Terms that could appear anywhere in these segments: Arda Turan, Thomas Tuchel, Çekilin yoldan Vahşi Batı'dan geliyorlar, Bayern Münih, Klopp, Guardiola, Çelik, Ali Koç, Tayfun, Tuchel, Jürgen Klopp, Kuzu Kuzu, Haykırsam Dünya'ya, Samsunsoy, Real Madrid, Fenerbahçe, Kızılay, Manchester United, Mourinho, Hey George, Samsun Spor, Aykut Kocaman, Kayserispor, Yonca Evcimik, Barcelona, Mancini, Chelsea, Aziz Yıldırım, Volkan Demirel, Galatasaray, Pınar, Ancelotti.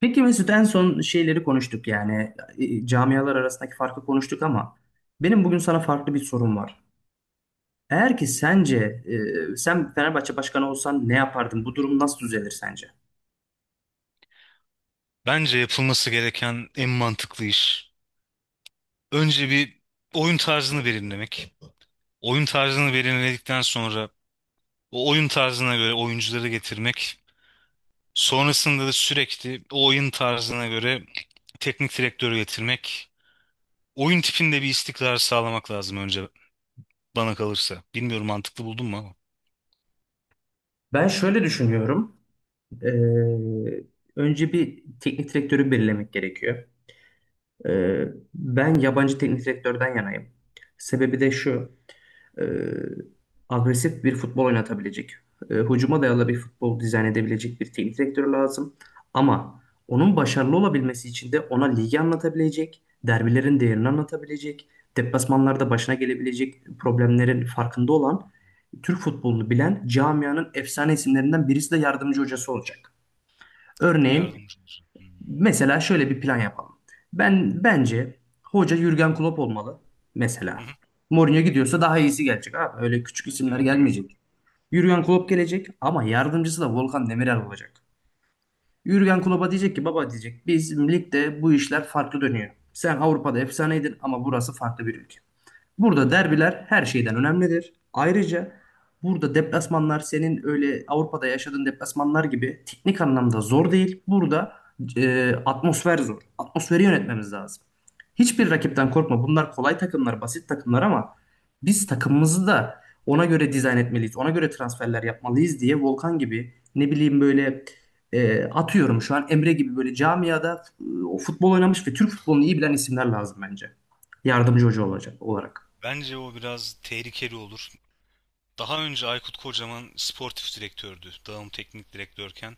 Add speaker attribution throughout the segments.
Speaker 1: Peki Mesut, en son şeyleri konuştuk, yani camialar arasındaki farkı konuştuk ama benim bugün sana farklı bir sorum var. Eğer ki sence sen Fenerbahçe başkanı olsan ne yapardın? Bu durum nasıl düzelir sence?
Speaker 2: Bence yapılması gereken en mantıklı iş. Önce bir oyun tarzını belirlemek. Oyun tarzını belirledikten sonra o oyun tarzına göre oyuncuları getirmek. Sonrasında da sürekli o oyun tarzına göre teknik direktörü getirmek. Oyun tipinde bir istikrar sağlamak lazım önce bana kalırsa. Bilmiyorum mantıklı buldun mu ama.
Speaker 1: Ben şöyle düşünüyorum. E, Önce bir teknik direktörü belirlemek gerekiyor. E, Ben yabancı teknik direktörden yanayım. Sebebi de şu. e, Agresif bir futbol oynatabilecek, hücuma dayalı bir futbol dizayn edebilecek bir teknik direktör lazım. Ama onun başarılı olabilmesi için de ona ligi anlatabilecek, derbilerin değerini anlatabilecek, deplasmanlarda başına gelebilecek problemlerin farkında olan, Türk futbolunu bilen camianın efsane isimlerinden birisi de yardımcı hocası olacak. Örneğin,
Speaker 2: Yardımcı olur. Hmm.
Speaker 1: mesela şöyle bir plan yapalım. Ben bence hoca Jürgen Klopp olmalı
Speaker 2: Hı
Speaker 1: mesela.
Speaker 2: hı.
Speaker 1: Mourinho gidiyorsa daha iyisi gelecek abi. Öyle küçük
Speaker 2: Evet,
Speaker 1: isimler
Speaker 2: değil. Doğru.
Speaker 1: gelmeyecek. Jürgen Klopp gelecek, ama yardımcısı da Volkan Demirel olacak. Jürgen Klopp'a diyecek ki, baba diyecek, biz ligde bu işler farklı dönüyor. Sen Avrupa'da efsaneydin ama burası farklı bir ülke. Burada derbiler her şeyden önemlidir. Ayrıca burada deplasmanlar senin öyle Avrupa'da yaşadığın deplasmanlar gibi teknik anlamda zor değil. Burada atmosfer zor. Atmosferi yönetmemiz lazım. Hiçbir rakipten korkma. Bunlar kolay takımlar, basit takımlar, ama biz takımımızı da ona göre dizayn etmeliyiz. Ona göre transferler yapmalıyız diye Volkan gibi, ne bileyim, böyle atıyorum şu an Emre gibi, böyle camiada o futbol oynamış ve Türk futbolunu iyi bilen isimler lazım bence. Yardımcı hoca olacak olarak.
Speaker 2: Bence o biraz tehlikeli olur. Daha önce Aykut Kocaman sportif direktördü. Dağım teknik direktörken.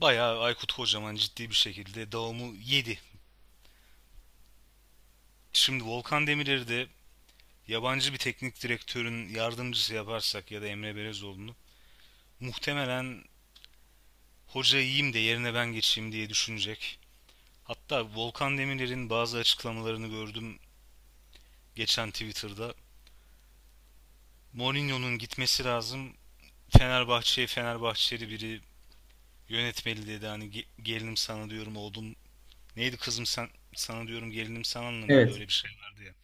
Speaker 2: Bayağı Aykut Kocaman ciddi bir şekilde Davam'ı yedi. Şimdi Volkan Demirer'i de yabancı bir teknik direktörün yardımcısı yaparsak ya da Emre Belezoğlu'nu muhtemelen hoca yiyeyim de yerine ben geçeyim diye düşünecek. Hatta Volkan Demirer'in bazı açıklamalarını gördüm geçen Twitter'da. Mourinho'nun gitmesi lazım. Fenerbahçe'ye Fenerbahçeli biri yönetmeli dedi. Hani gelinim sana diyorum oğlum. Neydi kızım sen sana diyorum gelinim sana mıydı?
Speaker 1: Evet.
Speaker 2: Öyle bir şey vardı ya.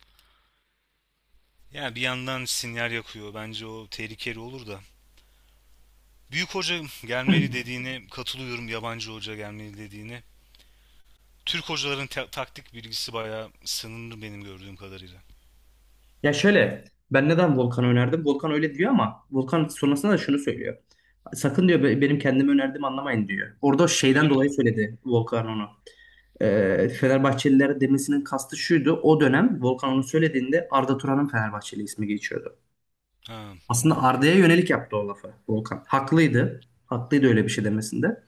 Speaker 2: Ya bir yandan sinyal yakıyor. Bence o tehlikeli olur da. Büyük hoca gelmeli dediğine katılıyorum. Yabancı hoca gelmeli dediğine. Türk hocaların taktik bilgisi bayağı sınırlı benim gördüğüm kadarıyla.
Speaker 1: Ya şöyle, ben neden Volkan'ı önerdim? Volkan öyle diyor, ama Volkan sonrasında da şunu söylüyor. Sakın diyor, benim kendimi önerdiğimi anlamayın diyor. Orada
Speaker 2: Ya öyle
Speaker 1: şeyden
Speaker 2: mi
Speaker 1: dolayı
Speaker 2: diyor?
Speaker 1: söyledi Volkan onu. Fenerbahçelilere demesinin kastı şuydu. O dönem Volkan onu söylediğinde Arda Turan'ın Fenerbahçeli ismi geçiyordu.
Speaker 2: Ha,
Speaker 1: Aslında
Speaker 2: anladım.
Speaker 1: Arda'ya yönelik yaptı o lafı Volkan. Haklıydı. Haklıydı öyle bir şey demesinde.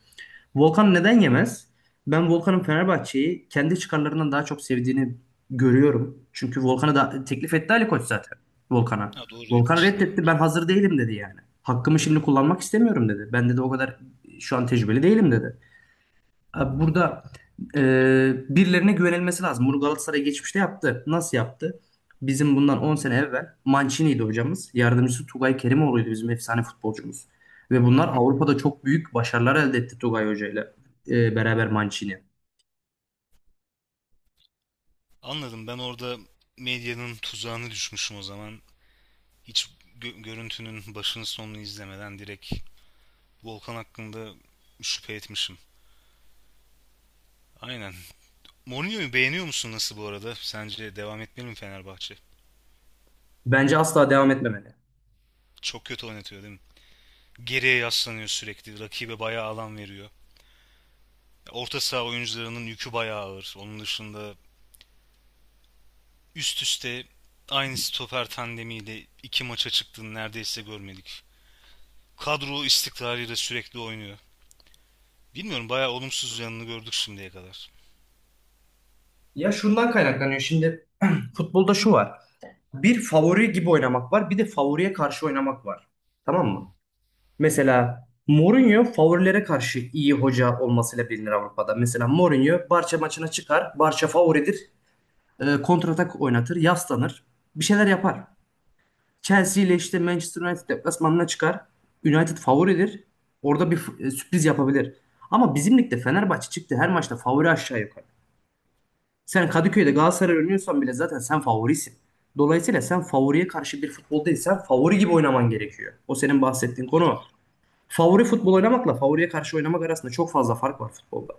Speaker 1: Volkan neden yemez? Ben Volkan'ın Fenerbahçe'yi kendi çıkarlarından daha çok sevdiğini görüyorum. Çünkü Volkan'a da teklif etti Ali Koç zaten. Volkan'a.
Speaker 2: Ha, doğru
Speaker 1: Volkan
Speaker 2: etmişti daha
Speaker 1: reddetti.
Speaker 2: önce.
Speaker 1: Ben hazır değilim dedi yani. Hakkımı şimdi kullanmak istemiyorum dedi. Ben dedi, o kadar şu an tecrübeli değilim dedi. Abi, burada e, birilerine güvenilmesi lazım. Bunu Galatasaray geçmişte yaptı. Nasıl yaptı? Bizim bundan 10 sene evvel Mancini'ydi hocamız. Yardımcısı Tugay Kerimoğlu'ydu, bizim efsane futbolcumuz. Ve
Speaker 2: Hı hı.
Speaker 1: bunlar Avrupa'da çok büyük başarılar elde etti Tugay Hoca ile beraber Mancini.
Speaker 2: Anladım. Ben orada medyanın tuzağına düşmüşüm o zaman. Hiç görüntünün başını sonunu izlemeden direkt Volkan hakkında şüphe etmişim. Aynen. Mourinho'yu beğeniyor musun nasıl bu arada? Sence devam etmeli mi Fenerbahçe?
Speaker 1: Bence asla devam etmemeli.
Speaker 2: Çok kötü oynatıyor değil mi? Geriye yaslanıyor sürekli. Rakibe bayağı alan veriyor. Orta saha oyuncularının yükü bayağı ağır. Onun dışında üst üste aynı stoper tandemiyle iki maça çıktığını neredeyse görmedik. Kadro istikrarıyla sürekli oynuyor. Bilmiyorum, bayağı olumsuz yanını gördük şimdiye kadar.
Speaker 1: Ya şundan kaynaklanıyor şimdi, futbolda şu var. Bir favori gibi oynamak var, bir de favoriye karşı oynamak var. Tamam mı? Mesela Mourinho favorilere karşı iyi hoca olmasıyla bilinir Avrupa'da. Mesela Mourinho Barça maçına çıkar. Barça favoridir. Kontratak oynatır. Yaslanır. Bir şeyler yapar. Chelsea ile işte Manchester United deplasmanına çıkar. United favoridir. Orada bir sürpriz yapabilir. Ama bizim ligde Fenerbahçe çıktı her maçta favori, aşağı yukarı. Sen Kadıköy'de Galatasaray oynuyorsan bile zaten sen favorisin. Dolayısıyla sen favoriye karşı bir futboldaysan favori gibi oynaman gerekiyor. O senin bahsettiğin
Speaker 2: Doğru.
Speaker 1: konu, favori futbol oynamakla favoriye karşı oynamak arasında çok fazla fark var futbolda.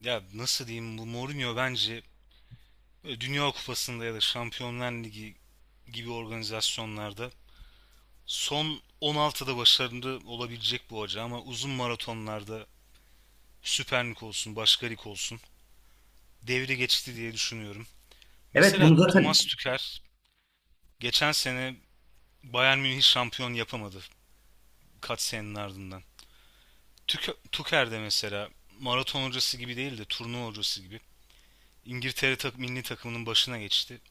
Speaker 2: Ya nasıl diyeyim, bu Mourinho bence Dünya Kupası'nda ya da Şampiyonlar Ligi gibi organizasyonlarda son 16'da başarılı olabilecek bu hoca, ama uzun maratonlarda Süper Lig olsun, başka lig olsun. Devri geçti diye düşünüyorum.
Speaker 1: Evet,
Speaker 2: Mesela
Speaker 1: bunu zaten,
Speaker 2: Thomas Tuchel geçen sene Bayern Münih şampiyon yapamadı kaç senenin ardından. Tuchel de mesela maraton hocası gibi değil de turnuva hocası gibi İngiltere milli takımının başına geçti.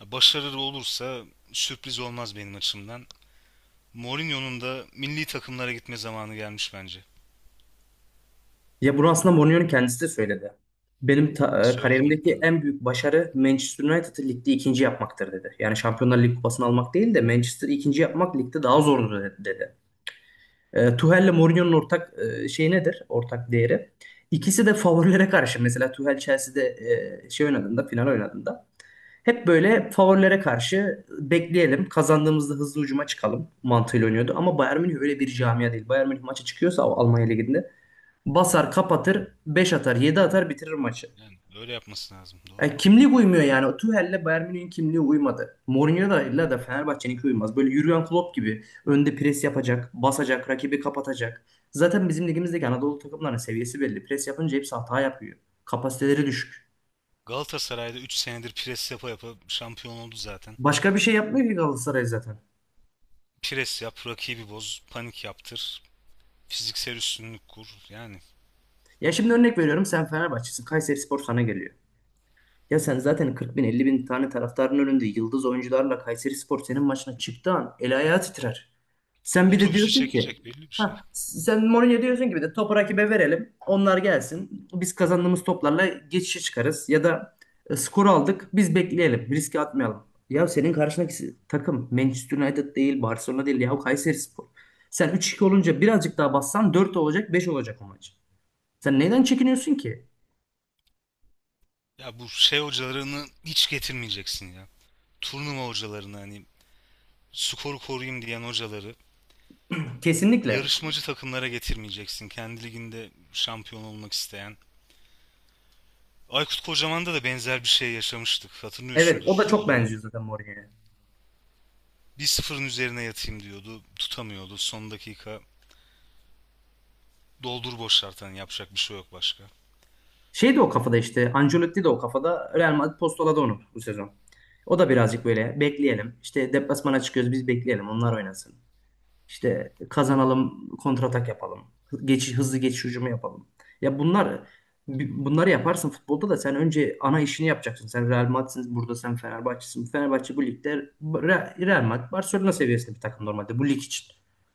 Speaker 2: Ya başarılı olursa sürpriz olmaz benim açımdan. Mourinho'nun da milli takımlara gitme zamanı gelmiş bence.
Speaker 1: ya bunu aslında Mourinho'nun kendisi de söyledi. Benim
Speaker 2: Söyledim mi?
Speaker 1: kariyerimdeki en büyük başarı Manchester United'ı ligde ikinci yapmaktır dedi. Yani Şampiyonlar Ligi kupasını almak değil de Manchester'ı ikinci yapmak ligde daha zordur dedi. Tuchel'le Mourinho'nun ortak şey nedir? Ortak değeri. İkisi de favorilere karşı. Mesela Tuchel Chelsea'de final oynadığında hep böyle favorilere karşı bekleyelim. Kazandığımızda hızlı ucuma çıkalım mantığıyla oynuyordu. Ama Bayern Münih öyle bir camia değil. Bayern Münih maça çıkıyorsa o Almanya Ligi'nde basar, kapatır, 5 atar, 7 atar, bitirir maçı.
Speaker 2: Yani öyle yapması lazım. Doğru.
Speaker 1: Yani kimliği uymuyor yani. O Tuchel'le Bayern Münih'in kimliği uymadı. Mourinho'da da Fenerbahçe'ninki uymaz. Böyle Jurgen Klopp gibi önde pres yapacak, basacak, rakibi kapatacak. Zaten bizim ligimizdeki Anadolu takımlarının seviyesi belli. Pres yapınca hepsi hata yapıyor. Kapasiteleri düşük.
Speaker 2: Galatasaray'da 3 senedir pres yapa yapa şampiyon oldu zaten.
Speaker 1: Başka bir şey yapmıyor ki Galatasaray zaten.
Speaker 2: Pres yap, rakibi boz, panik yaptır, fiziksel üstünlük kur. Yani
Speaker 1: Ya şimdi örnek veriyorum, sen Fenerbahçe'sin. Kayserispor sana geliyor. Ya sen zaten 40 bin 50 bin tane taraftarın önünde yıldız oyuncularla, Kayserispor senin maçına çıktığı an el ayağı titrer. Sen bir de
Speaker 2: otobüsü
Speaker 1: diyorsun ki,
Speaker 2: çekecek belli bir şey.
Speaker 1: ha, sen Mourinho diyorsun ki, bir de topu rakibe verelim. Onlar gelsin. Biz kazandığımız toplarla geçişe çıkarız. Ya da skor aldık, biz bekleyelim. Riske atmayalım. Ya senin karşındaki takım Manchester United değil, Barcelona değil. Ya Kayserispor. Sen 3-2 olunca birazcık daha bassan 4 olacak, 5 olacak o maç. Sen neyden çekiniyorsun ki?
Speaker 2: Ya bu şey hocalarını hiç getirmeyeceksin ya. Turnuva hocalarını, hani skoru koruyayım diyen hocaları
Speaker 1: Kesinlikle.
Speaker 2: yarışmacı takımlara getirmeyeceksin. Kendi liginde şampiyon olmak isteyen. Aykut Kocaman'da da benzer bir şey yaşamıştık.
Speaker 1: Evet, o da
Speaker 2: Hatırlıyorsundur
Speaker 1: çok
Speaker 2: o dönemi.
Speaker 1: benziyor zaten Mourinho'ya.
Speaker 2: Bir sıfırın üzerine yatayım diyordu. Tutamıyordu. Son dakika doldur boşalt, hani yapacak bir şey yok başka.
Speaker 1: Şey de o kafada, işte Ancelotti de o kafada, Real Madrid postaladı onu bu sezon. O da birazcık böyle, bekleyelim. İşte deplasmana çıkıyoruz, biz bekleyelim, onlar oynasın. İşte kazanalım, kontratak yapalım. Geçiş, hızlı geçiş hücumu yapalım. Ya bunlar, bunları yaparsın futbolda da, sen önce ana işini yapacaksın. Sen Real Madrid'sin burada, sen Fenerbahçe'sin. Fenerbahçe bu ligde Real Madrid, Barcelona seviyesinde bir takım normalde bu lig için.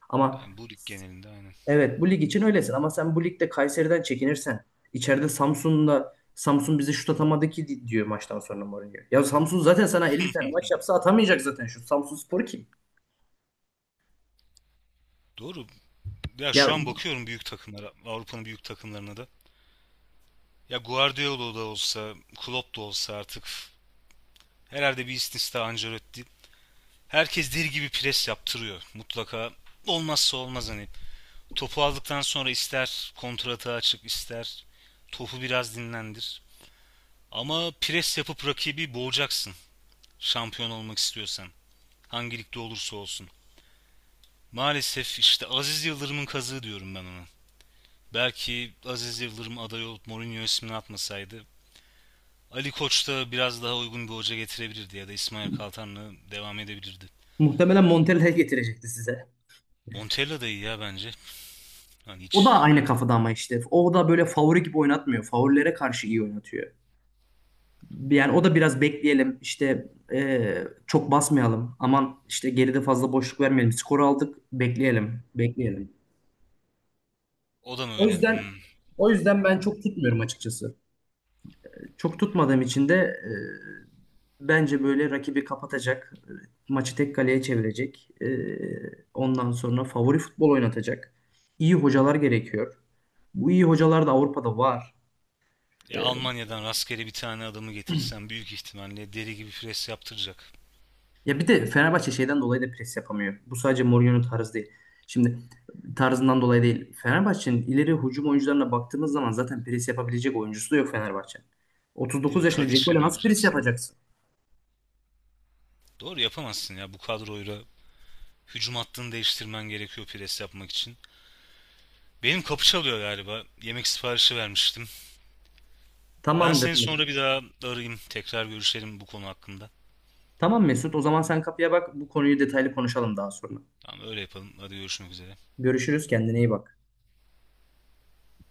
Speaker 1: Ama
Speaker 2: Yani bu lig genelinde aynen.
Speaker 1: evet, bu lig için öylesin ama sen bu ligde Kayseri'den çekinirsen, içeride Samsun'da, Samsun bizi şut atamadı ki diyor maçtan sonra Mourinho. Ya Samsun zaten sana 50 tane maç yapsa atamayacak zaten, şu Samsun Spor kim?
Speaker 2: Doğru. Ya
Speaker 1: Ya
Speaker 2: şu an bakıyorum büyük takımlara, Avrupa'nın büyük takımlarına da. Ya Guardiola da olsa, Klopp da olsa artık, herhalde bir istisna Ancelotti. Herkes deli gibi pres yaptırıyor mutlaka. Olmazsa olmaz hani. Topu aldıktan sonra ister kontratağa çık, ister topu biraz dinlendir. Ama pres yapıp rakibi boğacaksın şampiyon olmak istiyorsan. Hangi ligde olursa olsun. Maalesef işte Aziz Yıldırım'ın kazığı diyorum ben ona. Belki Aziz Yıldırım aday olup Mourinho ismini atmasaydı, Ali Koç da biraz daha uygun bir hoca getirebilirdi ya da İsmail Kaltan'la devam edebilirdi.
Speaker 1: muhtemelen Montella getirecekti size.
Speaker 2: Montella da iyi ya bence. Hani
Speaker 1: O da
Speaker 2: hiç
Speaker 1: aynı kafada ama işte. O da böyle favori gibi oynatmıyor. Favorilere karşı iyi oynatıyor. Yani o da biraz, bekleyelim. İşte çok basmayalım. Aman işte geride fazla boşluk vermeyelim. Skoru aldık. Bekleyelim. Bekleyelim.
Speaker 2: o da mı
Speaker 1: O
Speaker 2: öyle?
Speaker 1: yüzden
Speaker 2: Hmm.
Speaker 1: o yüzden ben çok tutmuyorum açıkçası. Çok tutmadığım için de bence böyle rakibi kapatacak, maçı tek kaleye çevirecek, ondan sonra favori futbol oynatacak iyi hocalar gerekiyor. Bu iyi hocalar da Avrupa'da var. E,
Speaker 2: Ya Almanya'dan rastgele bir tane adamı getirsen büyük ihtimalle deli gibi pres yaptıracak.
Speaker 1: Ya bir de Fenerbahçe şeyden dolayı da pres yapamıyor. Bu sadece Mourinho'nun tarzı değil. Şimdi tarzından dolayı değil. Fenerbahçe'nin ileri hücum oyuncularına baktığımız zaman zaten pres yapabilecek oyuncusu da yok Fenerbahçe'nin.
Speaker 2: Değil
Speaker 1: 39
Speaker 2: mi?
Speaker 1: yaşında
Speaker 2: Tadiç'le
Speaker 1: Dzeko'yla
Speaker 2: mi
Speaker 1: nasıl pres
Speaker 2: yapacaksın?
Speaker 1: yapacaksın?
Speaker 2: Doğru, yapamazsın ya bu kadroyla. Hücum hattını değiştirmen gerekiyor pres yapmak için. Benim kapı çalıyor galiba. Yemek siparişi vermiştim. Ben
Speaker 1: Tamamdır.
Speaker 2: seni sonra bir daha arayayım. Tekrar görüşelim bu konu hakkında.
Speaker 1: Tamam Mesut, o zaman sen kapıya bak. Bu konuyu detaylı konuşalım daha sonra.
Speaker 2: Tamam, öyle yapalım. Hadi, görüşmek üzere.
Speaker 1: Görüşürüz, kendine iyi bak.